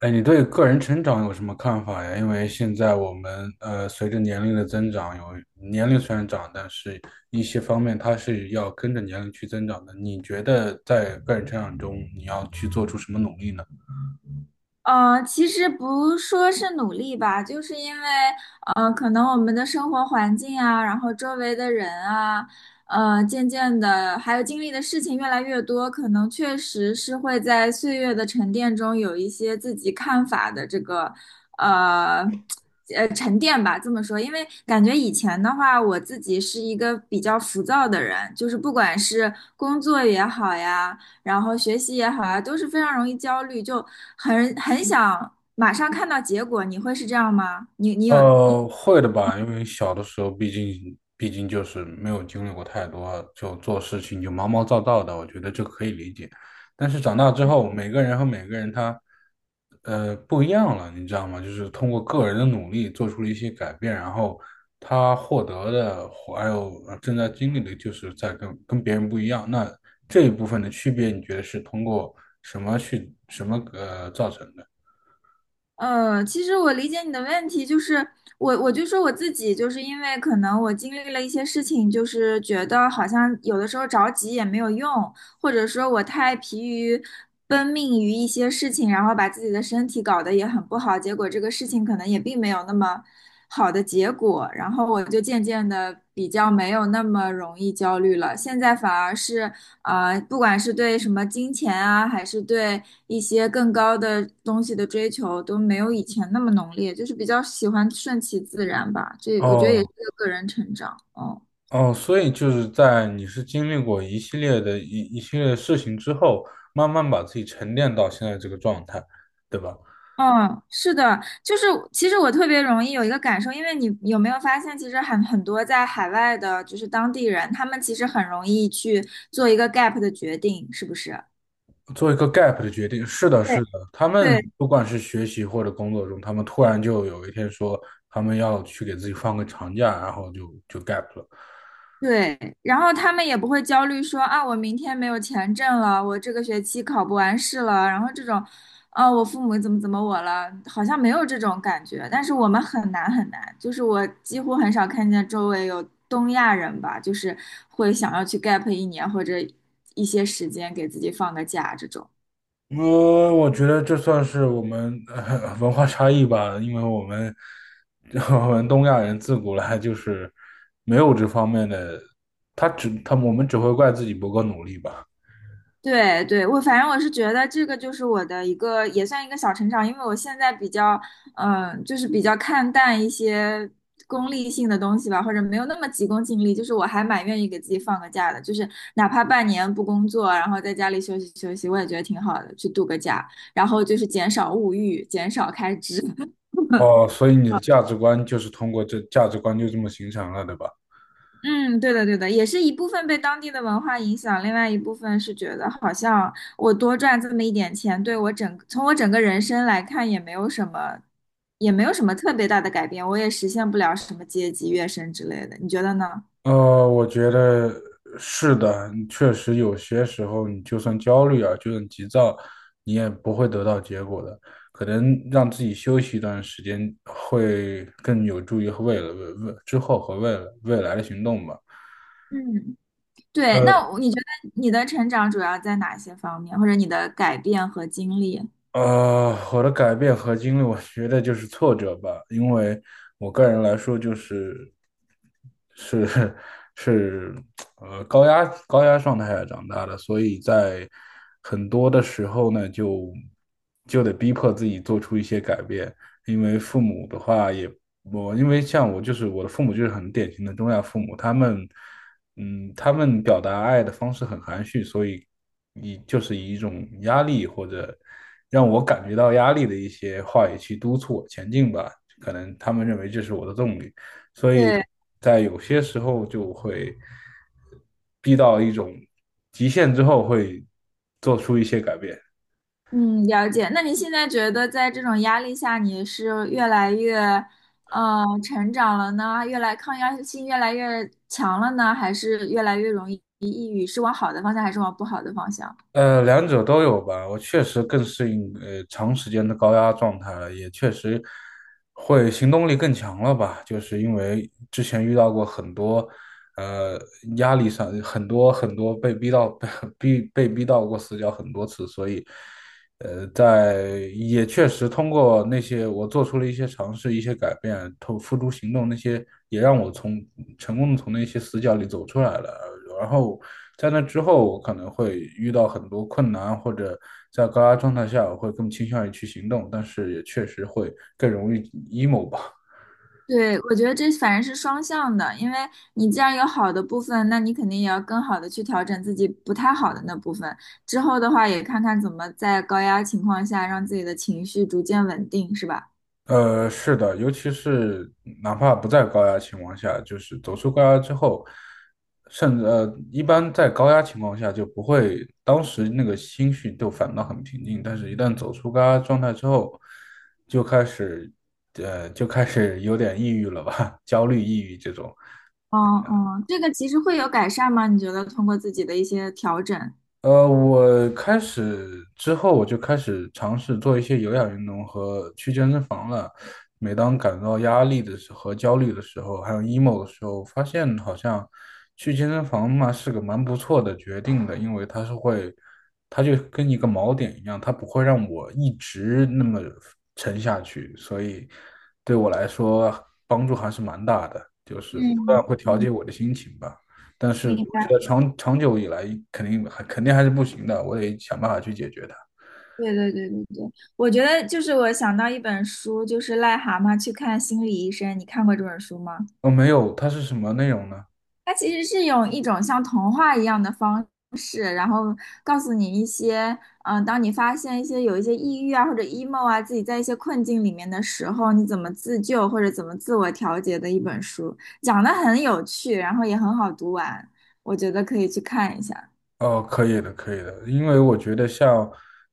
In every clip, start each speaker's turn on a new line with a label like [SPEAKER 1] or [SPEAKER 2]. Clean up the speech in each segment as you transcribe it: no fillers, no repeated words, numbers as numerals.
[SPEAKER 1] 哎，你对个人成长有什么看法呀？因为现在我们随着年龄的增长，有年龄虽然长，但是一些方面它是要跟着年龄去增长的。你觉得在个人成长中，你要去做出什么努力呢？
[SPEAKER 2] 嗯，其实不说是努力吧，就是因为，可能我们的生活环境啊，然后周围的人啊，渐渐的，还有经历的事情越来越多，可能确实是会在岁月的沉淀中有一些自己看法的这个，呃，沉淀吧，这么说。因为感觉以前的话，我自己是一个比较浮躁的人，就是不管是工作也好呀，然后学习也好啊，都是非常容易焦虑，就很想马上看到结果。你会是这样吗？你你有你
[SPEAKER 1] 会的吧，因为小的时候，毕竟就是没有经历过太多，就做事情就毛毛躁躁的，我觉得这可以理解。但是长大之后，每个人和每个人他，不一样了，你知道吗？就是通过个人的努力做出了一些改变，然后他获得的，还有正在经历的，就是在跟别人不一样。那这一部分的区别，你觉得是通过什么去什么造成的？
[SPEAKER 2] 其实我理解你的问题，就是我就说我自己，就是因为可能我经历了一些事情，就是觉得好像有的时候着急也没有用，或者说我太疲于奔命于一些事情，然后把自己的身体搞得也很不好，结果这个事情可能也并没有那么好的结果，然后我就渐渐的比较没有那么容易焦虑了。现在反而是不管是对什么金钱啊，还是对一些更高的东西的追求，都没有以前那么浓烈，就是比较喜欢顺其自然吧。这我觉得也是
[SPEAKER 1] 哦，
[SPEAKER 2] 个个人成长，嗯。
[SPEAKER 1] 哦，所以就是在你是经历过一系列的一系列的事情之后，慢慢把自己沉淀到现在这个状态，对吧？
[SPEAKER 2] 嗯，是的，就是其实我特别容易有一个感受，因为你有没有发现，其实很多在海外的，就是当地人，他们其实很容易去做一个 gap 的决定，是不是？
[SPEAKER 1] 做一个 gap 的决定，是的，是
[SPEAKER 2] 对，
[SPEAKER 1] 的。他们
[SPEAKER 2] 对，
[SPEAKER 1] 不管是学习或者工作中，他们突然就有一天说他们要去给自己放个长假，然后就 gap 了。
[SPEAKER 2] 对，然后他们也不会焦虑说啊，我明天没有钱挣了，我这个学期考不完试了，然后这种，啊，我父母怎么怎么我了，好像没有这种感觉。但是我们很难很难，就是我几乎很少看见周围有东亚人吧，就是会想要去 gap 一年或者一些时间给自己放个假这种。
[SPEAKER 1] 我觉得这算是我们文化差异吧，因为我们 我们东亚人自古来就是没有这方面的，他只他我们只会怪自己不够努力吧。
[SPEAKER 2] 对对，我反正我是觉得这个就是我的一个也算一个小成长。因为我现在比较，嗯、就是比较看淡一些功利性的东西吧，或者没有那么急功近利，就是我还蛮愿意给自己放个假的，就是哪怕半年不工作，然后在家里休息休息，我也觉得挺好的，去度个假，然后就是减少物欲，减少开支。
[SPEAKER 1] 哦，所以你的价值观就是通过这价值观就这么形成了，对吧？
[SPEAKER 2] 嗯，对的，对的，也是一部分被当地的文化影响，另外一部分是觉得好像我多赚这么一点钱，对我整，从我整个人生来看也没有什么，也没有什么特别大的改变，我也实现不了什么阶级跃升之类的，你觉得呢？
[SPEAKER 1] 我觉得是的，确实有些时候你就算焦虑啊，就算急躁，你也不会得到结果的。可能让自己休息一段时间，会更有助于未来，未未之后和未来的行动吧。
[SPEAKER 2] 嗯，对，
[SPEAKER 1] 呃。
[SPEAKER 2] 那你觉得你的成长主要在哪些方面，或者你的改变和经历？
[SPEAKER 1] 我的改变和经历，我觉得就是挫折吧，因为我个人来说，就是是 是高压状态下长大的，所以在很多的时候呢，就得逼迫自己做出一些改变，因为父母的话也因为像我就是我的父母就是很典型的中亚父母，他们他们表达爱的方式很含蓄，所以就是以一种压力或者。让我感觉到压力的一些话语去督促我前进吧。可能他们认为这是我的动力，所以
[SPEAKER 2] 对。
[SPEAKER 1] 在有些时候就会逼到一种极限之后，会做出一些改变。
[SPEAKER 2] 嗯，了解。那你现在觉得在这种压力下，你是越来越，成长了呢？越来抗压性越来越强了呢？还是越来越容易抑郁？是往好的方向，还是往不好的方向？
[SPEAKER 1] 两者都有吧。我确实更适应长时间的高压状态了，也确实会行动力更强了吧。就是因为之前遇到过很多呃压力上很多被逼到 被逼到过死角很多次，所以在也确实通过那些我做出了一些尝试、一些改变，投付诸行动，那些也让我从成功的从那些死角里走出来了。然后在那之后，我可能会遇到很多困难，或者在高压状态下，我会更倾向于去行动，但是也确实会更容易 emo 吧。
[SPEAKER 2] 对，我觉得这反正是双向的，因为你既然有好的部分，那你肯定也要更好的去调整自己不太好的那部分。之后的话，也看看怎么在高压情况下让自己的情绪逐渐稳定，是吧？
[SPEAKER 1] 是的，尤其是哪怕不在高压情况下，就是走出高压之后，甚至一般在高压情况下就不会，当时那个心绪都反倒很平静，但是一旦走出高压状态之后，就开始，就开始有点抑郁了吧，焦虑、抑郁这种。
[SPEAKER 2] 哦哦，这个其实会有改善吗？你觉得通过自己的一些调整？
[SPEAKER 1] 我开始之后，我就开始尝试做一些有氧运动和去健身房了。每当感到压力的时候、和焦虑的时候，还有 emo 的时候，发现好像去健身房嘛是个蛮不错的决定的，因为它是会，它就跟一个锚点一样，它不会让我一直那么沉下去，所以对我来说帮助还是蛮大的，就是不断
[SPEAKER 2] 嗯
[SPEAKER 1] 会调
[SPEAKER 2] 嗯，
[SPEAKER 1] 节我的心情吧。但是
[SPEAKER 2] 明
[SPEAKER 1] 我觉
[SPEAKER 2] 白。
[SPEAKER 1] 得长久以来肯定还是不行的，我得想办法去解决它。
[SPEAKER 2] 对对对对对，我觉得就是我想到一本书，就是《癞蛤蟆去看心理医生》，你看过这本书吗？
[SPEAKER 1] 哦，没有，它是什么内容呢？
[SPEAKER 2] 它其实是用一种像童话一样的方式，然后告诉你一些，嗯、当你发现一些有一些抑郁啊或者 emo 啊，自己在一些困境里面的时候，你怎么自救或者怎么自我调节的一本书，讲的很有趣，然后也很好读完，我觉得可以去看一下。
[SPEAKER 1] 哦，可以的，可以的，因为我觉得像，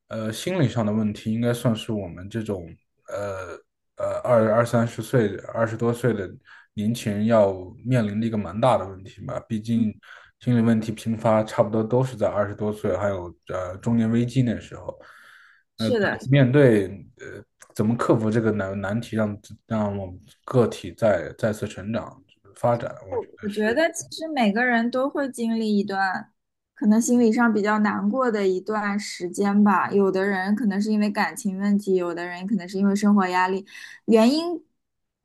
[SPEAKER 1] 心理上的问题，应该算是我们这种，呃二三十岁、二十多岁的年轻人要面临的一个蛮大的问题吧。毕竟，心理问题频发，差不多都是在二十多岁，还有中年危机那时候。那
[SPEAKER 2] 是的，
[SPEAKER 1] 面对呃，怎么克服这个难题让，让我们个体再次成长发展，我
[SPEAKER 2] 我
[SPEAKER 1] 觉得
[SPEAKER 2] 我觉
[SPEAKER 1] 是。
[SPEAKER 2] 得其实每个人都会经历一段，可能心理上比较难过的一段时间吧。有的人可能是因为感情问题，有的人可能是因为生活压力，原因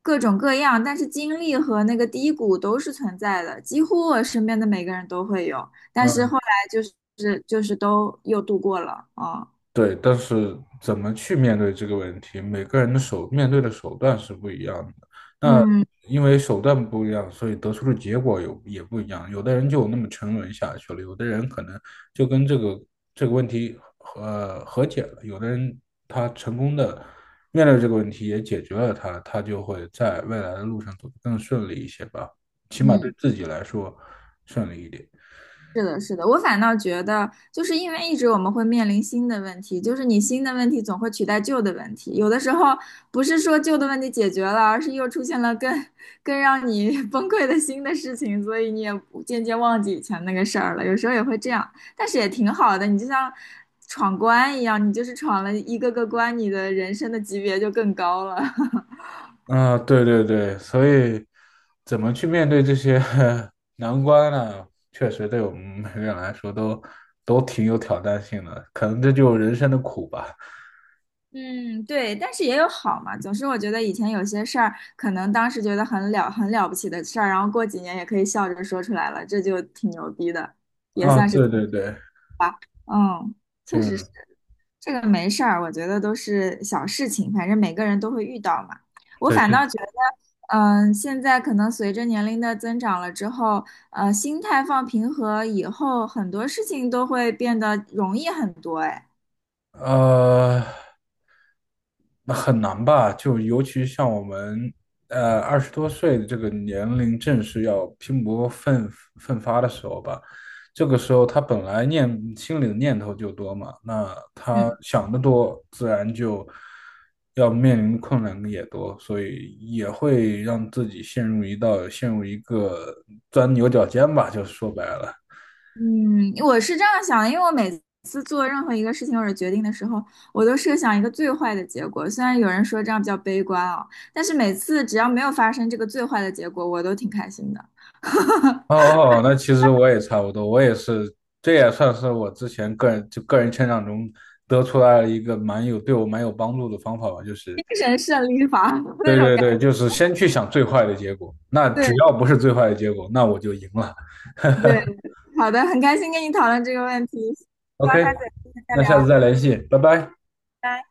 [SPEAKER 2] 各种各样，但是经历和那个低谷都是存在的，几乎我身边的每个人都会有。但是
[SPEAKER 1] 嗯，
[SPEAKER 2] 后来就是都又度过了啊，
[SPEAKER 1] 对，但是怎么去面对这个问题，每个人的手面对的手段是不一样的。那
[SPEAKER 2] 嗯
[SPEAKER 1] 因为手段不一样，所以得出的结果有也不一样。有的人就那么沉沦下去了，有的人可能就跟这个问题和解了，有的人他成功的面对这个问题也解决了它，他就会在未来的路上走得更顺利一些吧，起码对
[SPEAKER 2] 嗯。
[SPEAKER 1] 自己来说顺利一点。
[SPEAKER 2] 是的，是的，我反倒觉得，就是因为一直我们会面临新的问题，就是你新的问题总会取代旧的问题，有的时候不是说旧的问题解决了，而是又出现了更让你 崩溃的新的事情，所以你也不渐渐忘记以前那个事儿了，有时候也会这样，但是也挺好的，你就像闯关一样，你就是闯了一个个关，你的人生的级别就更高了。
[SPEAKER 1] 啊，对对对，所以怎么去面对这些 难关呢？确实对我们每个人来说都挺有挑战性的，可能这就是人生的苦吧。
[SPEAKER 2] 嗯，对，但是也有好嘛。总是我觉得以前有些事儿，可能当时觉得很了不起的事儿，然后过几年也可以笑着说出来了，这就挺牛逼的。
[SPEAKER 1] 啊，对对对，
[SPEAKER 2] 嗯，
[SPEAKER 1] 就
[SPEAKER 2] 确实是这个没事儿，我觉得都是小事情，反正每个人都会遇到嘛。我
[SPEAKER 1] 对，
[SPEAKER 2] 反
[SPEAKER 1] 就
[SPEAKER 2] 倒觉得，嗯、现在可能随着年龄的增长了之后，心态放平和以后，很多事情都会变得容易很多。哎，
[SPEAKER 1] 呃，那很难吧？就尤其像我们，二十多岁的这个年龄，正是要拼搏奋发的时候吧。这个时候，他本来心里的念头就多嘛，那他
[SPEAKER 2] 嗯。
[SPEAKER 1] 想的多，自然就要面临的困难也多，所以也会让自己陷入一道，陷入一个钻牛角尖吧，就是说白了。
[SPEAKER 2] 嗯，我是这样想的，因为我每次做任何一个事情或者决定的时候，我都设想一个最坏的结果。虽然有人说这样比较悲观啊，但是每次只要没有发生这个最坏的结果，我都挺开心的。
[SPEAKER 1] 哦哦，那其实我也差不多，我也是，这也算是我之前个人成长中得出来了一个对我蛮有帮助的方法吧，就是
[SPEAKER 2] 精神胜利法 那
[SPEAKER 1] 对
[SPEAKER 2] 种感
[SPEAKER 1] 对对，
[SPEAKER 2] 觉。
[SPEAKER 1] 就是先去想最坏的结果，那
[SPEAKER 2] 对
[SPEAKER 1] 只要不是最坏的结果，那我就赢了。
[SPEAKER 2] 对，好的，很开心跟你讨论这个问题，希
[SPEAKER 1] OK，
[SPEAKER 2] 望下次有机会再
[SPEAKER 1] 那下次
[SPEAKER 2] 聊。
[SPEAKER 1] 再联系，拜拜。
[SPEAKER 2] 拜拜